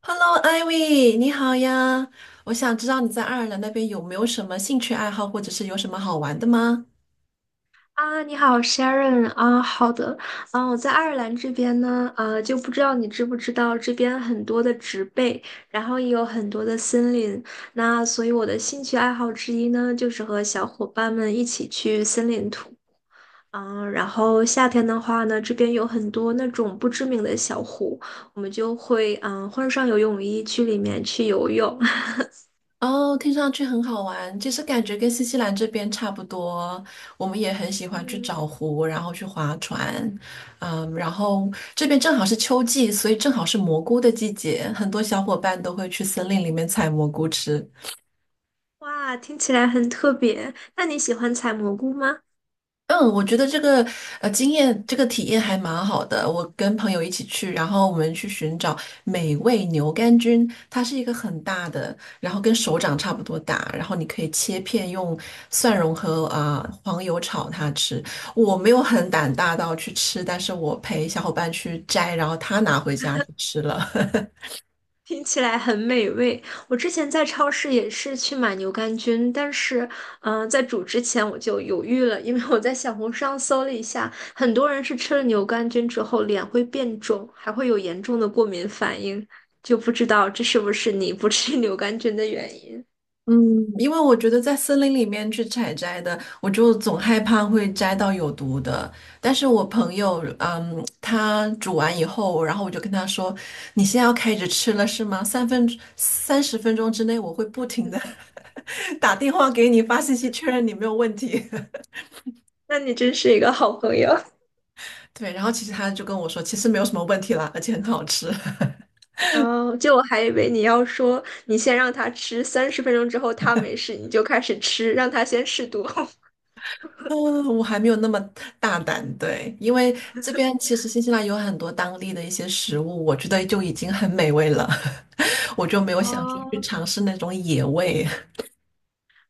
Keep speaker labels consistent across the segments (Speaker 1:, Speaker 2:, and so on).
Speaker 1: Hello, Ivy，你好呀！我想知道你在爱尔兰那边有没有什么兴趣爱好，或者是有什么好玩的吗？
Speaker 2: 啊，你好，Sharon 啊，好的，啊，我在爱尔兰这边呢，就不知道你知不知道，这边很多的植被，然后也有很多的森林，那所以我的兴趣爱好之一呢，就是和小伙伴们一起去森林啊然后夏天的话呢，这边有很多那种不知名的小湖，我们就会换上游泳衣去里面去游泳，
Speaker 1: 哦，听上去很好玩，其实感觉跟新西兰这边差不多。我们也很喜欢去
Speaker 2: 嗯，
Speaker 1: 找湖，然后去划船。嗯，然后这边正好是秋季，所以正好是蘑菇的季节，很多小伙伴都会去森林里面采蘑菇吃。
Speaker 2: 哇，听起来很特别，那你喜欢采蘑菇吗？
Speaker 1: 嗯，我觉得这个经验，这个体验还蛮好的。我跟朋友一起去，然后我们去寻找美味牛肝菌，它是一个很大的，然后跟手掌差不多大，然后你可以切片用蒜蓉和黄油炒它吃。我没有很胆大到去吃，但是我陪小伙伴去摘，然后他拿回家去吃了。
Speaker 2: 听起来很美味。我之前在超市也是去买牛肝菌，但是，在煮之前我就犹豫了，因为我在小红书上搜了一下，很多人是吃了牛肝菌之后脸会变肿，还会有严重的过敏反应，就不知道这是不是你不吃牛肝菌的原因。
Speaker 1: 嗯，因为我觉得在森林里面去采摘的，我就总害怕会摘到有毒的。但是我朋友，嗯，他煮完以后，然后我就跟他说：“你现在要开始吃了是吗？三十分钟之内，我会不停
Speaker 2: 嗯
Speaker 1: 的 打电话给你发信息
Speaker 2: 嗯，
Speaker 1: 确认你没有问题。
Speaker 2: 那你真是一个好朋友。
Speaker 1: 对，然后其实他就跟我说，其实没有什么问题啦，而且很好吃。
Speaker 2: 哦，就我还以为你要说你先让他吃，三十分钟之后他没事，你就开始吃，让他先试毒。
Speaker 1: 嗯，我还没有那么大胆。对，因为这边其实新西兰有很多当地的一些食物，我觉得就已经很美味了。我就没有想说去
Speaker 2: 哦，
Speaker 1: 尝试那种野味。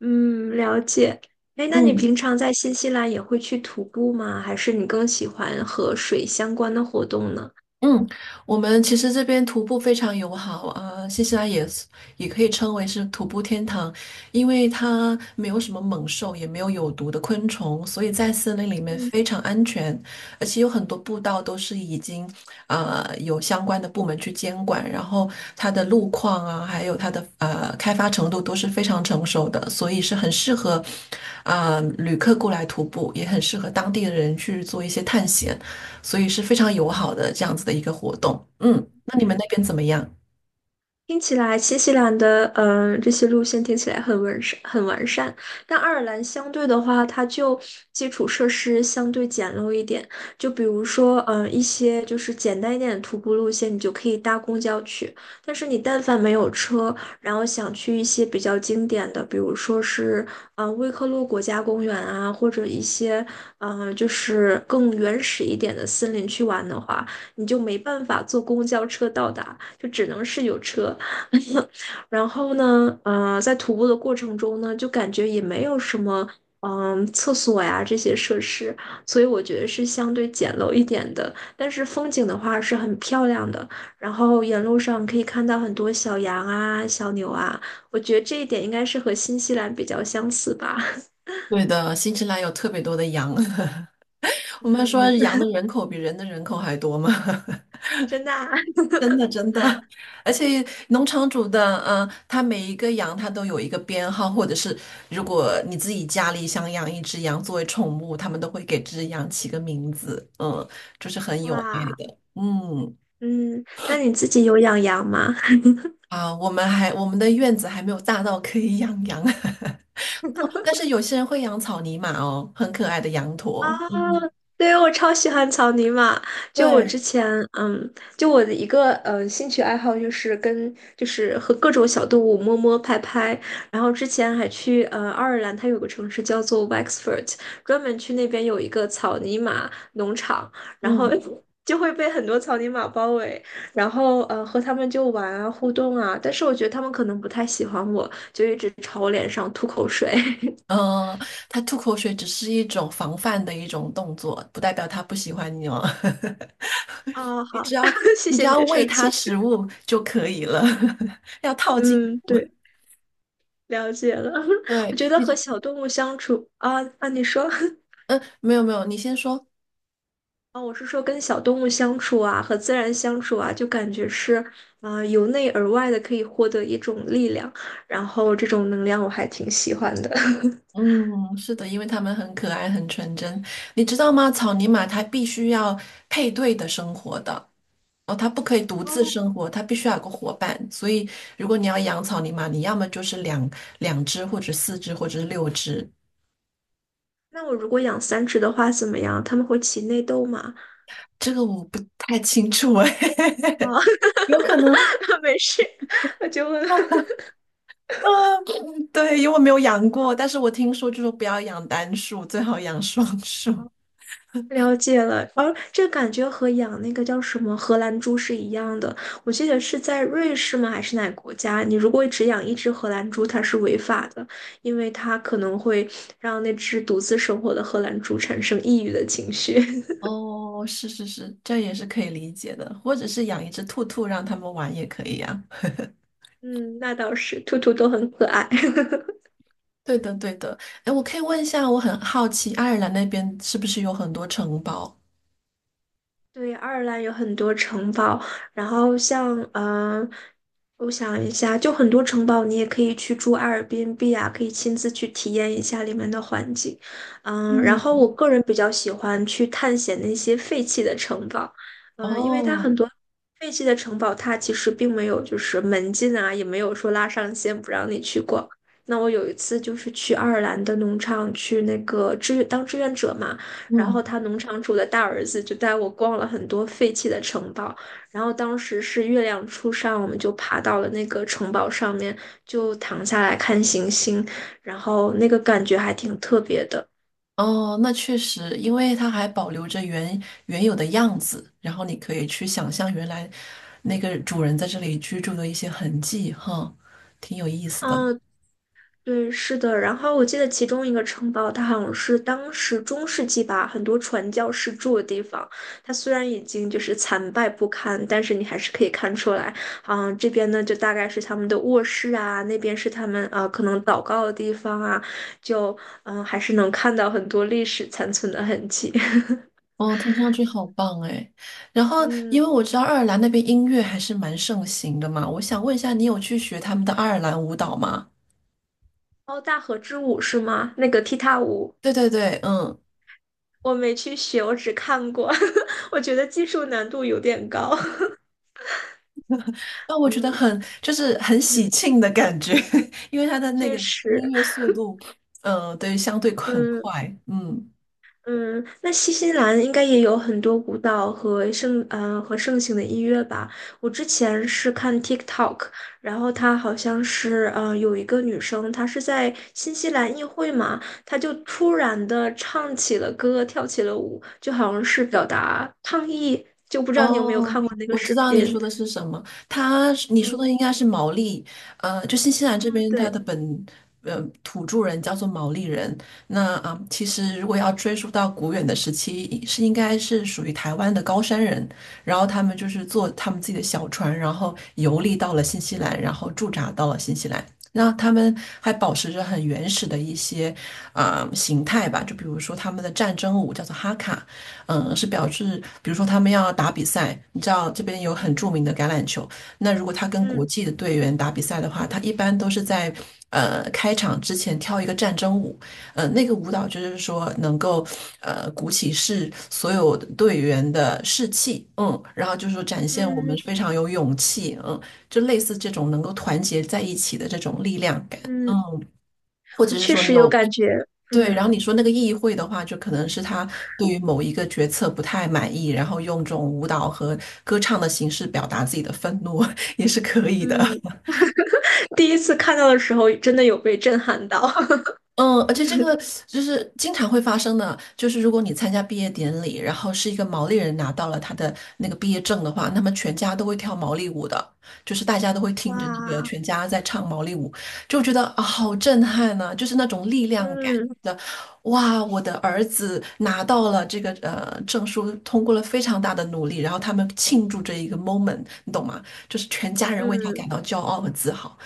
Speaker 2: 嗯，了解。哎，那你
Speaker 1: 嗯，
Speaker 2: 平常在新西兰也会去徒步吗？还是你更喜欢和水相关的活动呢？
Speaker 1: 嗯，我们其实这边徒步非常友好啊，新西兰也是也可以称为是徒步天堂，因为它没有什么猛兽，也没有有毒的昆虫，所以在森林里面非常安全，而且有很多步道都是已经有相关的部门去监管，然后它的路况啊，还有它的开发程度都是非常成熟的，所以是很适合旅客过来徒步，也很适合当地的人去做一些探险。所以是非常友好的这样子的一个活动。嗯，那你们
Speaker 2: 嗯。
Speaker 1: 那边怎么样？
Speaker 2: 听起来新西兰的这些路线听起来很完善，很完善，但爱尔兰相对的话，它就基础设施相对简陋一点。就比如说，一些就是简单一点的徒步路线，你就可以搭公交去。但是你但凡没有车，然后想去一些比较经典的，比如说是威克洛国家公园啊，或者一些就是更原始一点的森林去玩的话，你就没办法坐公交车到达，就只能是有车。然后呢，在徒步的过程中呢，就感觉也没有什么，厕所呀这些设施，所以我觉得是相对简陋一点的。但是风景的话是很漂亮的，然后沿路上可以看到很多小羊啊、小牛啊，我觉得这一点应该是和新西兰比较相似吧。
Speaker 1: 对的，新西兰有特别多的羊，我们说
Speaker 2: 嗯，
Speaker 1: 羊的人口比人的人口还多嘛，
Speaker 2: 真的啊
Speaker 1: 真的真的，而且农场主的，他每一个羊他都有一个编号，或者是如果你自己家里想养一只羊作为宠物，他们都会给这只羊起个名字，嗯，就是很有爱
Speaker 2: 哇，
Speaker 1: 的，嗯。
Speaker 2: 嗯，那你自己有养羊吗？
Speaker 1: 啊，我们的院子还没有大到可以养羊。哦，但是有些人会养草泥马哦，很可爱的羊
Speaker 2: 啊，
Speaker 1: 驼。嗯，
Speaker 2: 对，我超喜欢草泥马。就我
Speaker 1: 对。
Speaker 2: 之前，嗯，就我的一个兴趣爱好就是和各种小动物摸摸拍拍。然后之前还去爱尔兰，它有个城市叫做 Wexford，专门去那边有一个草泥马农场，然后
Speaker 1: 嗯，
Speaker 2: 就会被很多草泥马包围，然后和他们就玩啊互动啊。但是我觉得他们可能不太喜欢我，就一直朝我脸上吐口水。
Speaker 1: 呃，它吐口水只是一种防范的一种动作，不代表它不喜欢你哦。
Speaker 2: 哦，
Speaker 1: 你
Speaker 2: 好，
Speaker 1: 只要
Speaker 2: 谢
Speaker 1: 你只
Speaker 2: 谢你
Speaker 1: 要
Speaker 2: 的
Speaker 1: 喂
Speaker 2: 澄
Speaker 1: 它
Speaker 2: 清。
Speaker 1: 食物就可以了，要套进。
Speaker 2: 嗯，对，了解了。我
Speaker 1: 对
Speaker 2: 觉得和
Speaker 1: 你，
Speaker 2: 小动物相处啊啊，你说
Speaker 1: 嗯，没有没有，你先说。
Speaker 2: 啊，我是说跟小动物相处啊，和自然相处啊，就感觉是由内而外的可以获得一种力量，然后这种能量我还挺喜欢的。
Speaker 1: 嗯，是的，因为它们很可爱，很纯真。你知道吗？草泥马它必须要配对的生活的。哦，它不可以独自
Speaker 2: 哦，
Speaker 1: 生活，它必须要有个伙伴。所以，如果你要养草泥马，你要么就是两只，或者四只，或者是六只。
Speaker 2: 那我如果养三只的话怎么样？它们会起内斗吗？
Speaker 1: 这个我不太清楚哎，
Speaker 2: 啊、
Speaker 1: 有可能
Speaker 2: 没事，我就问。
Speaker 1: 啊。对，因为我没有养过，但是我听说就说不要养单数，最好养双数。
Speaker 2: 了解了，而这感觉和养那个叫什么荷兰猪是一样的。我记得是在瑞士吗？还是哪个国家？你如果只养一只荷兰猪，它是违法的，因为它可能会让那只独自生活的荷兰猪产生抑郁的情绪。
Speaker 1: 哦，是是是，这也是可以理解的，或者是养一只兔兔让他们玩也可以呀、啊
Speaker 2: 嗯，那倒是，兔兔都很可爱。
Speaker 1: 对的，对的。哎，我可以问一下，我很好奇，爱尔兰那边是不是有很多城堡？
Speaker 2: 对，爱尔兰有很多城堡，然后像我想一下，就很多城堡，你也可以去住阿尔 r b n 啊，可以亲自去体验一下里面的环境。嗯，然
Speaker 1: 嗯。
Speaker 2: 后我个人比较喜欢去探险那些废弃的城堡，嗯，因为它
Speaker 1: 哦，
Speaker 2: 很多废弃的城堡，它其实并没有就是门禁啊，也没有说拉上线不让你去过。那我有一次就是去爱尔兰的农场去那个志愿当志愿者嘛。然后
Speaker 1: 嗯。
Speaker 2: 他农场主的大儿子就带我逛了很多废弃的城堡，然后当时是月亮初上，我们就爬到了那个城堡上面，就躺下来看星星，然后那个感觉还挺特别的。
Speaker 1: 哦，那确实，因为它还保留着原有的样子，然后你可以去想象原来那个主人在这里居住的一些痕迹，哈，挺有意思的。
Speaker 2: 嗯，对，是的。然后我记得其中一个城堡，它好像是当时中世纪吧，很多传教士住的地方。它虽然已经就是残败不堪，但是你还是可以看出来，这边呢就大概是他们的卧室啊，那边是他们啊可能祷告的地方啊，就还是能看到很多历史残存的痕迹。
Speaker 1: 哦，听上去好棒哎。然后，因
Speaker 2: 嗯，
Speaker 1: 为我知道爱尔兰那边音乐还是蛮盛行的嘛，我想问一下，你有去学他们的爱尔兰舞蹈吗？
Speaker 2: 哦，大河之舞是吗？那个踢踏舞
Speaker 1: 对对对，嗯。
Speaker 2: 我没去学，我只看过，我觉得技术难度有点高。
Speaker 1: 啊，我觉得
Speaker 2: 嗯。
Speaker 1: 很就是很喜庆的感觉，因为它的那
Speaker 2: 确
Speaker 1: 个音
Speaker 2: 实，
Speaker 1: 乐速度，对，相对很
Speaker 2: 嗯
Speaker 1: 快，嗯。
Speaker 2: 嗯，那新西兰应该也有很多舞蹈和盛行的音乐吧？我之前是看 TikTok，然后她好像是有一个女生，她是在新西兰议会嘛，她就突然的唱起了歌，跳起了舞，就好像是表达抗议，就不知道你有没有
Speaker 1: 哦，
Speaker 2: 看过那个
Speaker 1: 我
Speaker 2: 视
Speaker 1: 知道你说
Speaker 2: 频？
Speaker 1: 的是什么，它是你说的
Speaker 2: 嗯
Speaker 1: 应该是毛利，就新西
Speaker 2: 啊，
Speaker 1: 兰这边它
Speaker 2: 对，
Speaker 1: 的土著人叫做毛利人，那其实如果要追溯到古远的时期，是应该是属于台湾的高山人，然后他们就是坐他们自己的小船，然后游历到了新西兰，然后驻扎到了新西兰。那他们还保持着很原始的一些形态吧，就比如说他们的战争舞叫做哈卡。是表示，比如说他们要打比赛，你知道这边有很著
Speaker 2: 嗯
Speaker 1: 名的橄榄球，那如果他跟国
Speaker 2: 嗯
Speaker 1: 际的队员打比赛的话，他一般都是在开场之前跳一个战争舞。那个舞蹈就是说能够鼓起士所有队员的士气，嗯，然后就是说展现我们
Speaker 2: 嗯
Speaker 1: 非常有勇气，嗯。就类似这种能够团结在一起的这种力量感，
Speaker 2: 嗯，
Speaker 1: 嗯，或
Speaker 2: 我
Speaker 1: 者是
Speaker 2: 确
Speaker 1: 说你
Speaker 2: 实有
Speaker 1: 有
Speaker 2: 感觉，
Speaker 1: 对，然后
Speaker 2: 嗯
Speaker 1: 你说那个议会的话，就可能是他对于某一个决策不太满意，然后用这种舞蹈和歌唱的形式表达自己的愤怒 也是可以的。
Speaker 2: 嗯。第一次看到的时候，真的有被震撼到。
Speaker 1: 嗯，而且这个就是经常会发生的，就是如果你参加毕业典礼，然后是一个毛利人拿到了他的那个毕业证的话，那么全家都会跳毛利舞的，就是大家都会听着那个
Speaker 2: 哇，
Speaker 1: 全家在唱毛利舞，就觉得啊，好震撼呐、就是那种力量感
Speaker 2: 嗯
Speaker 1: 的。哇，我的儿子拿到了这个证书，通过了非常大的努力，然后他们庆祝这一个 moment，你懂吗？就是全家人为他感
Speaker 2: 嗯
Speaker 1: 到骄傲和自豪。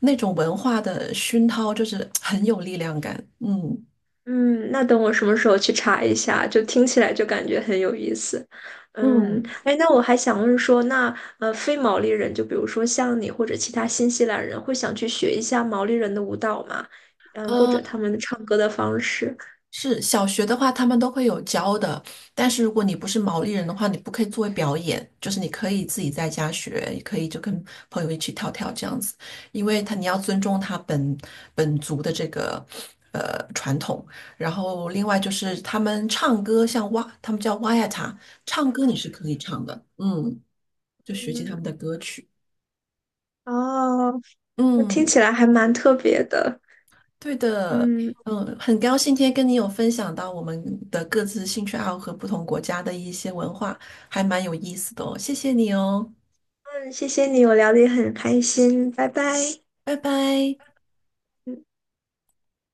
Speaker 1: 那种文化的熏陶，就是很有力量感。嗯。
Speaker 2: 嗯，那等我什么时候去查一下，就听起来就感觉很有意思。嗯，
Speaker 1: 嗯，
Speaker 2: 哎，那我还想问说，那非毛利人，就比如说像你或者其他新西兰人，会想去学一下毛利人的舞蹈吗？嗯，或者
Speaker 1: 呃，
Speaker 2: 他们唱歌的方式。
Speaker 1: 是小学的话，他们都会有教的，但是如果你不是毛利人的话，你不可以作为表演，就是你可以自己在家学，也可以就跟朋友一起跳跳这样子，因为他你要尊重他本族的这个。传统，然后另外就是他们唱歌，像哇，他们叫哇呀塔，唱歌你是可以唱的，嗯，就学习他们
Speaker 2: 嗯，
Speaker 1: 的歌曲，
Speaker 2: 哦，那听
Speaker 1: 嗯。
Speaker 2: 起来还蛮特别的。
Speaker 1: 对的，
Speaker 2: 嗯，
Speaker 1: 嗯，很高兴今天跟你有分享到我们的各自兴趣爱好和不同国家的一些文化，还蛮有意思的哦，谢谢你哦，
Speaker 2: 嗯，谢谢你，我聊的也很开心，拜拜。
Speaker 1: 拜拜。
Speaker 2: 嗯。